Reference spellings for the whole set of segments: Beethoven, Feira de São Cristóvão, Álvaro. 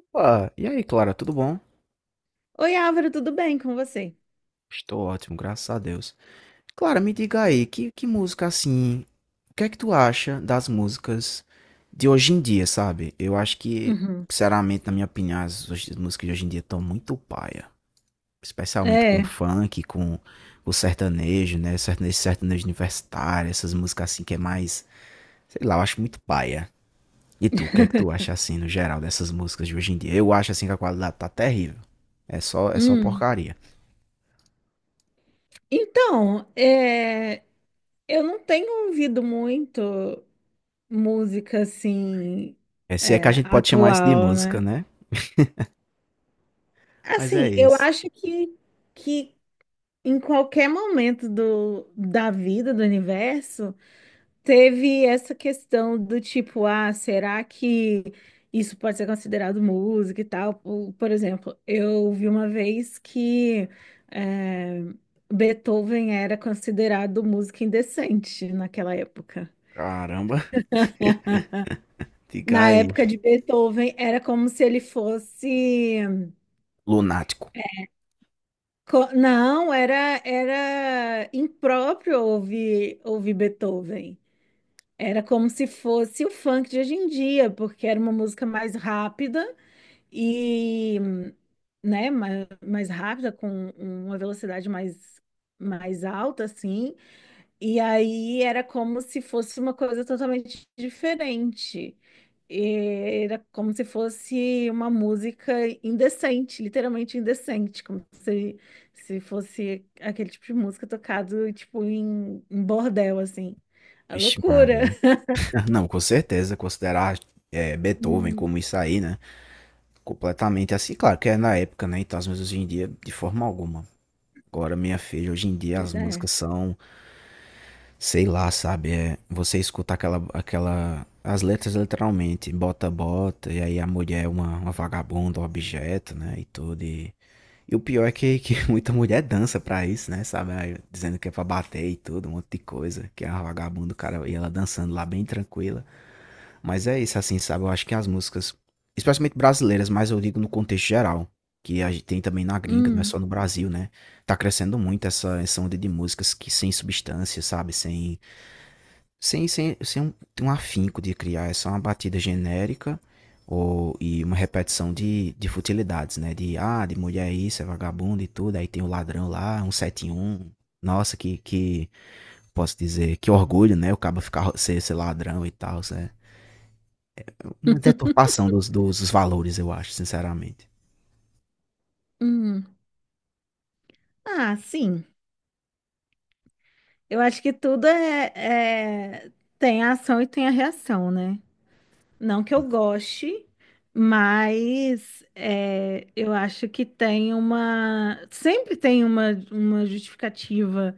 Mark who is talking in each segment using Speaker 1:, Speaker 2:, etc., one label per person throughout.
Speaker 1: Opa, e aí, Clara, tudo bom?
Speaker 2: Oi, Álvaro, tudo bem com você?
Speaker 1: Estou ótimo, graças a Deus. Clara, me diga aí, que música assim, o que é que tu acha das músicas de hoje em dia, sabe? Eu acho que,
Speaker 2: Uhum.
Speaker 1: sinceramente, na minha opinião, as músicas de hoje em dia estão muito paia. Especialmente com o
Speaker 2: É.
Speaker 1: funk, com o sertanejo, né? Sertanejo, sertanejo universitário, essas músicas assim que é mais, sei lá, eu acho muito paia. E tu, o que é que tu acha assim, no geral, dessas músicas de hoje em dia? Eu acho assim que a qualidade tá terrível. É só
Speaker 2: Hum.
Speaker 1: porcaria.
Speaker 2: Então, eu não tenho ouvido muito música assim
Speaker 1: É, se é que a
Speaker 2: é,
Speaker 1: gente pode chamar isso de
Speaker 2: atual,
Speaker 1: música,
Speaker 2: né?
Speaker 1: né? Mas é
Speaker 2: Assim, eu
Speaker 1: isso.
Speaker 2: acho que em qualquer momento do, da vida, do universo, teve essa questão do tipo, ah, será que isso pode ser considerado música e tal? Por exemplo, eu vi uma vez que eh, Beethoven era considerado música indecente naquela época.
Speaker 1: Caramba, diga
Speaker 2: Na
Speaker 1: aí.
Speaker 2: época de Beethoven, era como se ele fosse.
Speaker 1: Lunático.
Speaker 2: Não, era impróprio ouvir Beethoven. Era como se fosse o funk de hoje em dia, porque era uma música mais rápida. E, né, mais rápida, com uma velocidade mais alta, assim, e aí era como se fosse uma coisa totalmente diferente. E era como se fosse uma música indecente, literalmente indecente, como se fosse aquele tipo de música tocado, tipo, em bordel, assim. A
Speaker 1: Vixe
Speaker 2: loucura.
Speaker 1: Maria. Ah, não, com certeza, considerar Beethoven
Speaker 2: Hum,
Speaker 1: como isso aí, né? Completamente assim, claro que é na época, né? Então as músicas hoje em dia, de forma alguma. Agora, minha filha, hoje em dia as
Speaker 2: pois é.
Speaker 1: músicas são, sei lá, sabe? É, você escuta aquela, as letras literalmente, bota, e aí a mulher é uma vagabunda, um objeto, né? E tudo, e o pior é que muita mulher dança pra isso, né? Sabe? Aí, dizendo que é pra bater e tudo, um monte de coisa. Que é uma vagabunda, cara. E ela dançando lá bem tranquila. Mas é isso, assim, sabe? Eu acho que as músicas, especialmente brasileiras, mas eu digo no contexto geral, que a gente tem também na gringa, não é
Speaker 2: Hum,
Speaker 1: só no Brasil, né? Tá crescendo muito essa onda de músicas que sem substância, sabe? Sem um, um afinco de criar, é só uma batida genérica ou, e uma repetição de futilidades, né? De, ah, de mulher é isso, é vagabundo e tudo, aí tem o ladrão lá, um sete um. Nossa, posso dizer, que orgulho, né? O cabo ficar, ser ladrão e tal, né? Uma deturpação dos valores, eu acho, sinceramente.
Speaker 2: hum. Ah, sim. Eu acho que tudo é- tem a ação e tem a reação, né? Não que eu goste, mas eu acho que tem uma. Sempre tem uma justificativa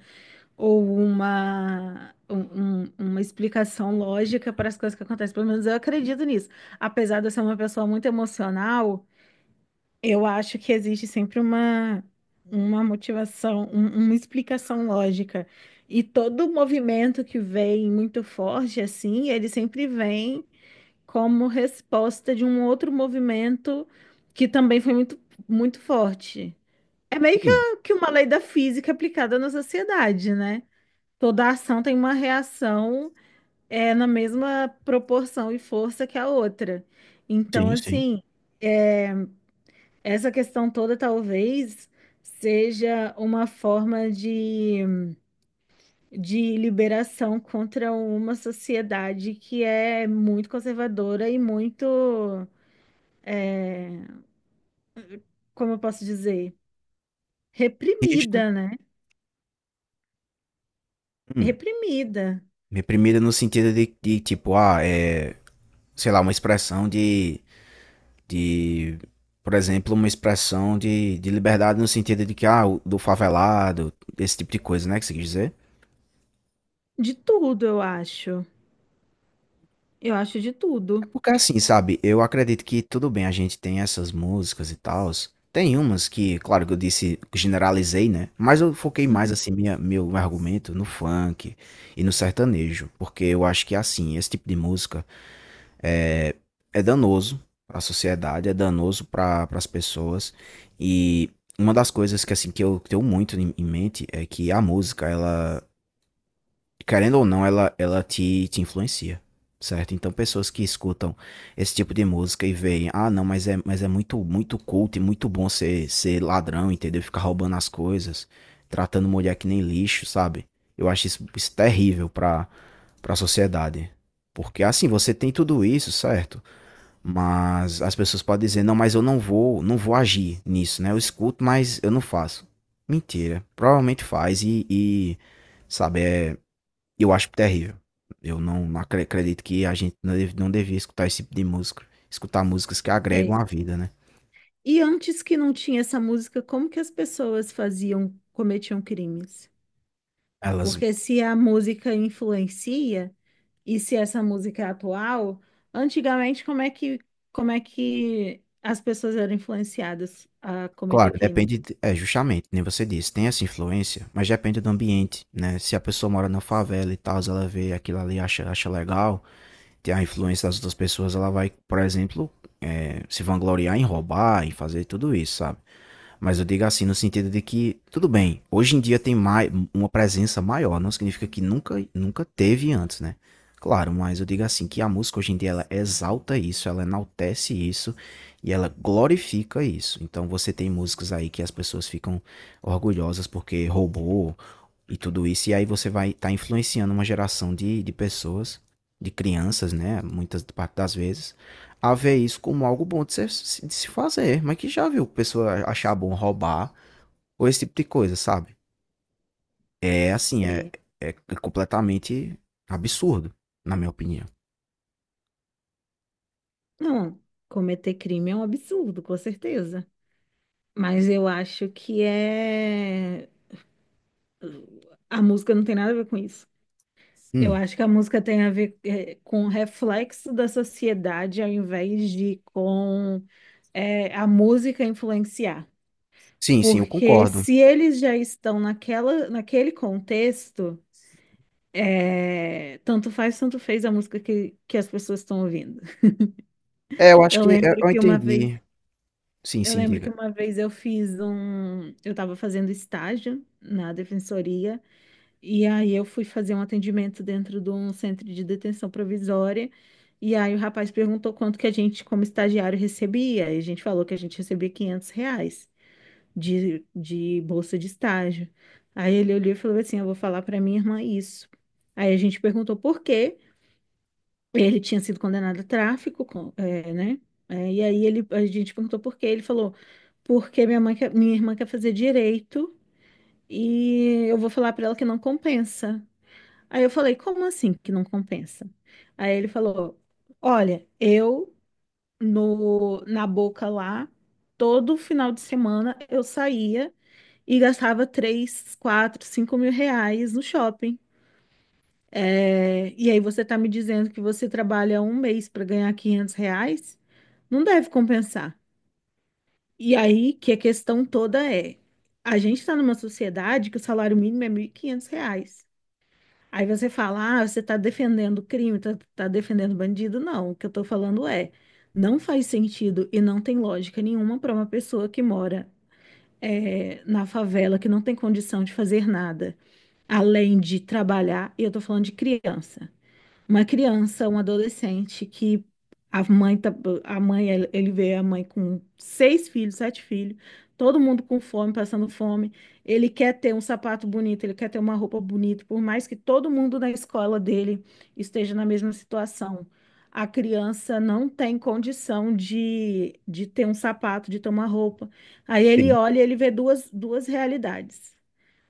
Speaker 2: ou uma explicação lógica para as coisas que acontecem. Pelo menos eu acredito nisso. Apesar de eu ser uma pessoa muito emocional. Eu acho que existe sempre uma motivação, uma explicação lógica. E todo movimento que vem muito forte assim, ele sempre vem como resposta de um outro movimento que também foi muito, muito forte. É meio que,
Speaker 1: Hum,
Speaker 2: que uma lei da física aplicada na sociedade, né? Toda ação tem uma reação, na mesma proporção e força que a outra. Então,
Speaker 1: sim, sim.
Speaker 2: assim. é, essa questão toda talvez seja uma forma de liberação contra uma sociedade que é muito conservadora e muito, como eu posso dizer,
Speaker 1: Rígida.
Speaker 2: reprimida, né?
Speaker 1: Hum.
Speaker 2: Reprimida.
Speaker 1: Reprimida no sentido de tipo, ah, é, sei lá, uma expressão de, por exemplo, uma expressão de liberdade no sentido de que, ah, o- do favelado, esse tipo de coisa, né, que você quis dizer?
Speaker 2: De tudo, eu acho. Eu acho de
Speaker 1: É
Speaker 2: tudo.
Speaker 1: porque assim, sabe, eu acredito que tudo bem, a gente tem essas músicas e tals. Tem umas que, claro que eu disse, generalizei, né? Mas eu foquei mais,
Speaker 2: Uhum,
Speaker 1: assim, minha, meu argumento no funk e no sertanejo. Porque eu acho que, assim, esse tipo de música é, é danoso para a sociedade, é danoso para as pessoas. E uma das coisas que assim que eu tenho muito em mente é que a música, ela, querendo ou não, ela te, te influencia, certo? Então pessoas que escutam esse tipo de música e veem, ah, não, mas é muito culto e muito bom ser, ser ladrão, entendeu? Ficar roubando as coisas, tratando mulher que nem lixo, sabe? Eu acho isso terrível para para a sociedade. Porque assim, você tem tudo isso, certo? Mas as pessoas podem dizer, não, mas eu não vou agir nisso, né? Eu escuto, mas eu não faço. Mentira. Provavelmente faz e sabe, é, eu acho terrível. Eu não, não acredito que a gente não devia escutar esse tipo de música. Escutar músicas que
Speaker 2: sei.
Speaker 1: agregam a vida, né?
Speaker 2: E antes que não tinha essa música, como que as pessoas faziam, cometiam crimes?
Speaker 1: Elas,
Speaker 2: Porque se a música influencia. E se essa música é atual, antigamente como é que as pessoas eram influenciadas a cometer
Speaker 1: claro,
Speaker 2: crime?
Speaker 1: depende, de- é justamente, nem você disse, tem essa influência, mas depende do ambiente, né? Se a pessoa mora na favela e tal, ela vê aquilo ali, acha legal, a influência das outras pessoas, ela vai, por exemplo, é, se vangloriar em roubar, em fazer tudo isso, sabe? Mas eu digo assim no sentido de que, tudo bem, hoje em dia tem mais, uma presença maior, não significa que nunca teve antes, né? Claro, mas eu digo assim que a música hoje em dia ela exalta isso, ela enaltece isso e ela glorifica isso. Então você tem músicas aí que as pessoas ficam orgulhosas porque roubou, e tudo isso. E aí você vai estar influenciando uma geração de pessoas, de crianças, né? Muitas parte das vezes, a ver isso como algo bom de se fazer. Mas que já viu pessoa achar bom roubar ou esse tipo de coisa, sabe? É assim, é,
Speaker 2: Sei.
Speaker 1: é completamente absurdo, na minha opinião.
Speaker 2: Não, cometer crime é um absurdo, com certeza. Mas eu acho que a música não tem nada a ver com isso. Eu
Speaker 1: Hum,
Speaker 2: acho que a música tem a ver é, com o reflexo da sociedade ao invés de com é, a música influenciar.
Speaker 1: Sim, sim, eu
Speaker 2: Porque
Speaker 1: concordo.
Speaker 2: se eles já estão naquela, naquele contexto. É, tanto faz, tanto fez a música que as pessoas estão ouvindo.
Speaker 1: É, eu acho
Speaker 2: Eu
Speaker 1: que é,
Speaker 2: lembro
Speaker 1: eu
Speaker 2: que uma vez,
Speaker 1: entendi. Sim,
Speaker 2: eu
Speaker 1: sim,
Speaker 2: lembro que
Speaker 1: diga.
Speaker 2: uma vez eu estava fazendo estágio na defensoria e aí eu fui fazer um atendimento dentro de um centro de detenção provisória e aí o rapaz perguntou quanto que a gente, como estagiário, recebia e a gente falou que a gente recebia R$ 500 de bolsa de estágio. Aí ele olhou e falou assim, eu vou falar para minha irmã isso. Aí a gente perguntou por quê? Ele tinha sido condenado a tráfico, é, né? É, e aí a gente perguntou por quê. Ele falou, porque minha minha irmã quer fazer direito e eu vou falar para ela que não compensa. Aí eu falei, como assim que não compensa? Aí ele falou, olha, eu no, na Boca lá, todo final de semana eu saía e gastava 3, 4, R$ 5.000 no shopping. É, e aí você está me dizendo que você trabalha um mês para ganhar R$ 500? Não deve compensar. E aí que a questão toda é, a gente está numa sociedade que o salário mínimo é R$ 1.500. Aí você fala, ah, você está defendendo crime, está defendendo bandido. Não, o que eu estou falando é, não faz sentido e não tem lógica nenhuma para uma pessoa que mora na favela, que não tem condição de fazer nada, além de trabalhar, e eu estou falando de criança uma criança, um adolescente que a mãe tá, a mãe ele vê a mãe com seis filhos, sete filhos, todo mundo com fome, passando fome. Ele quer ter um sapato bonito, ele quer ter uma roupa bonita, por mais que todo mundo na escola dele esteja na mesma situação. A criança não tem condição de ter um sapato, de ter uma roupa. Aí ele
Speaker 1: Sim.
Speaker 2: olha e ele vê duas realidades.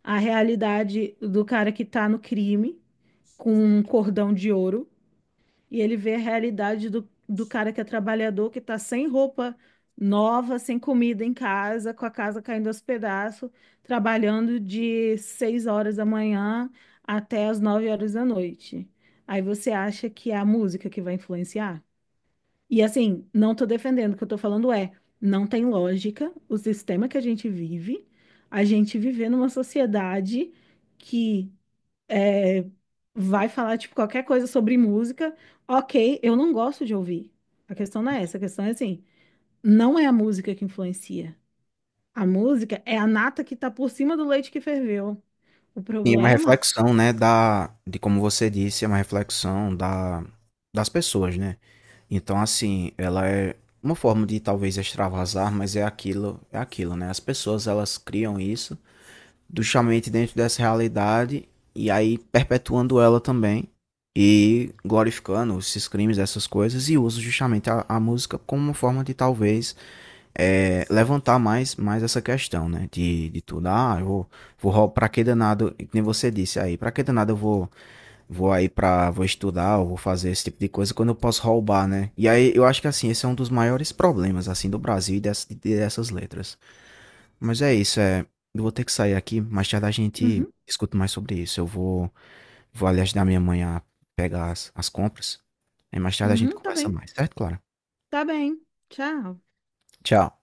Speaker 2: A realidade do cara que está no crime, com um cordão de ouro, e ele vê a realidade do cara que é trabalhador, que está sem roupa nova, sem comida em casa, com a casa caindo aos pedaços, trabalhando de 6 horas da manhã até as 9 horas da noite. Aí você acha que é a música que vai influenciar? E assim, não tô defendendo, o que eu tô falando é, não tem lógica o sistema que a gente vive, a gente viver numa sociedade que é, vai falar, tipo, qualquer coisa sobre música, ok, eu não gosto de ouvir. A questão não é essa, a questão é assim, não é a música que influencia. A música é a nata que tá por cima do leite que ferveu. O
Speaker 1: Sim, é uma
Speaker 2: problema...
Speaker 1: reflexão, né, da, de como você disse, é uma reflexão da, das pessoas, né? Então, assim, ela é uma forma de talvez extravasar, mas é aquilo, né? As pessoas elas criam isso justamente dentro dessa realidade e aí perpetuando ela também e glorificando esses crimes, essas coisas e usa justamente a música como uma forma de talvez é, levantar mais, mais essa questão, né? De tudo, ah, eu vou, vou para que danado, que nem você disse aí, pra que danado eu vou aí pra, vou estudar, ou vou fazer esse tipo de coisa quando eu posso roubar, né? E aí eu acho que assim, esse é um dos maiores problemas, assim, do Brasil e dessas, dessas letras. Mas é isso, é. Eu vou ter que sair aqui, mais tarde a gente
Speaker 2: Uhum,
Speaker 1: escuta mais sobre isso. Eu vou, vou ali ajudar minha mãe a pegar as, as compras. Aí mais tarde a gente
Speaker 2: uhum,
Speaker 1: conversa mais, certo, Clara?
Speaker 2: tá bem, tchau.
Speaker 1: Tchau.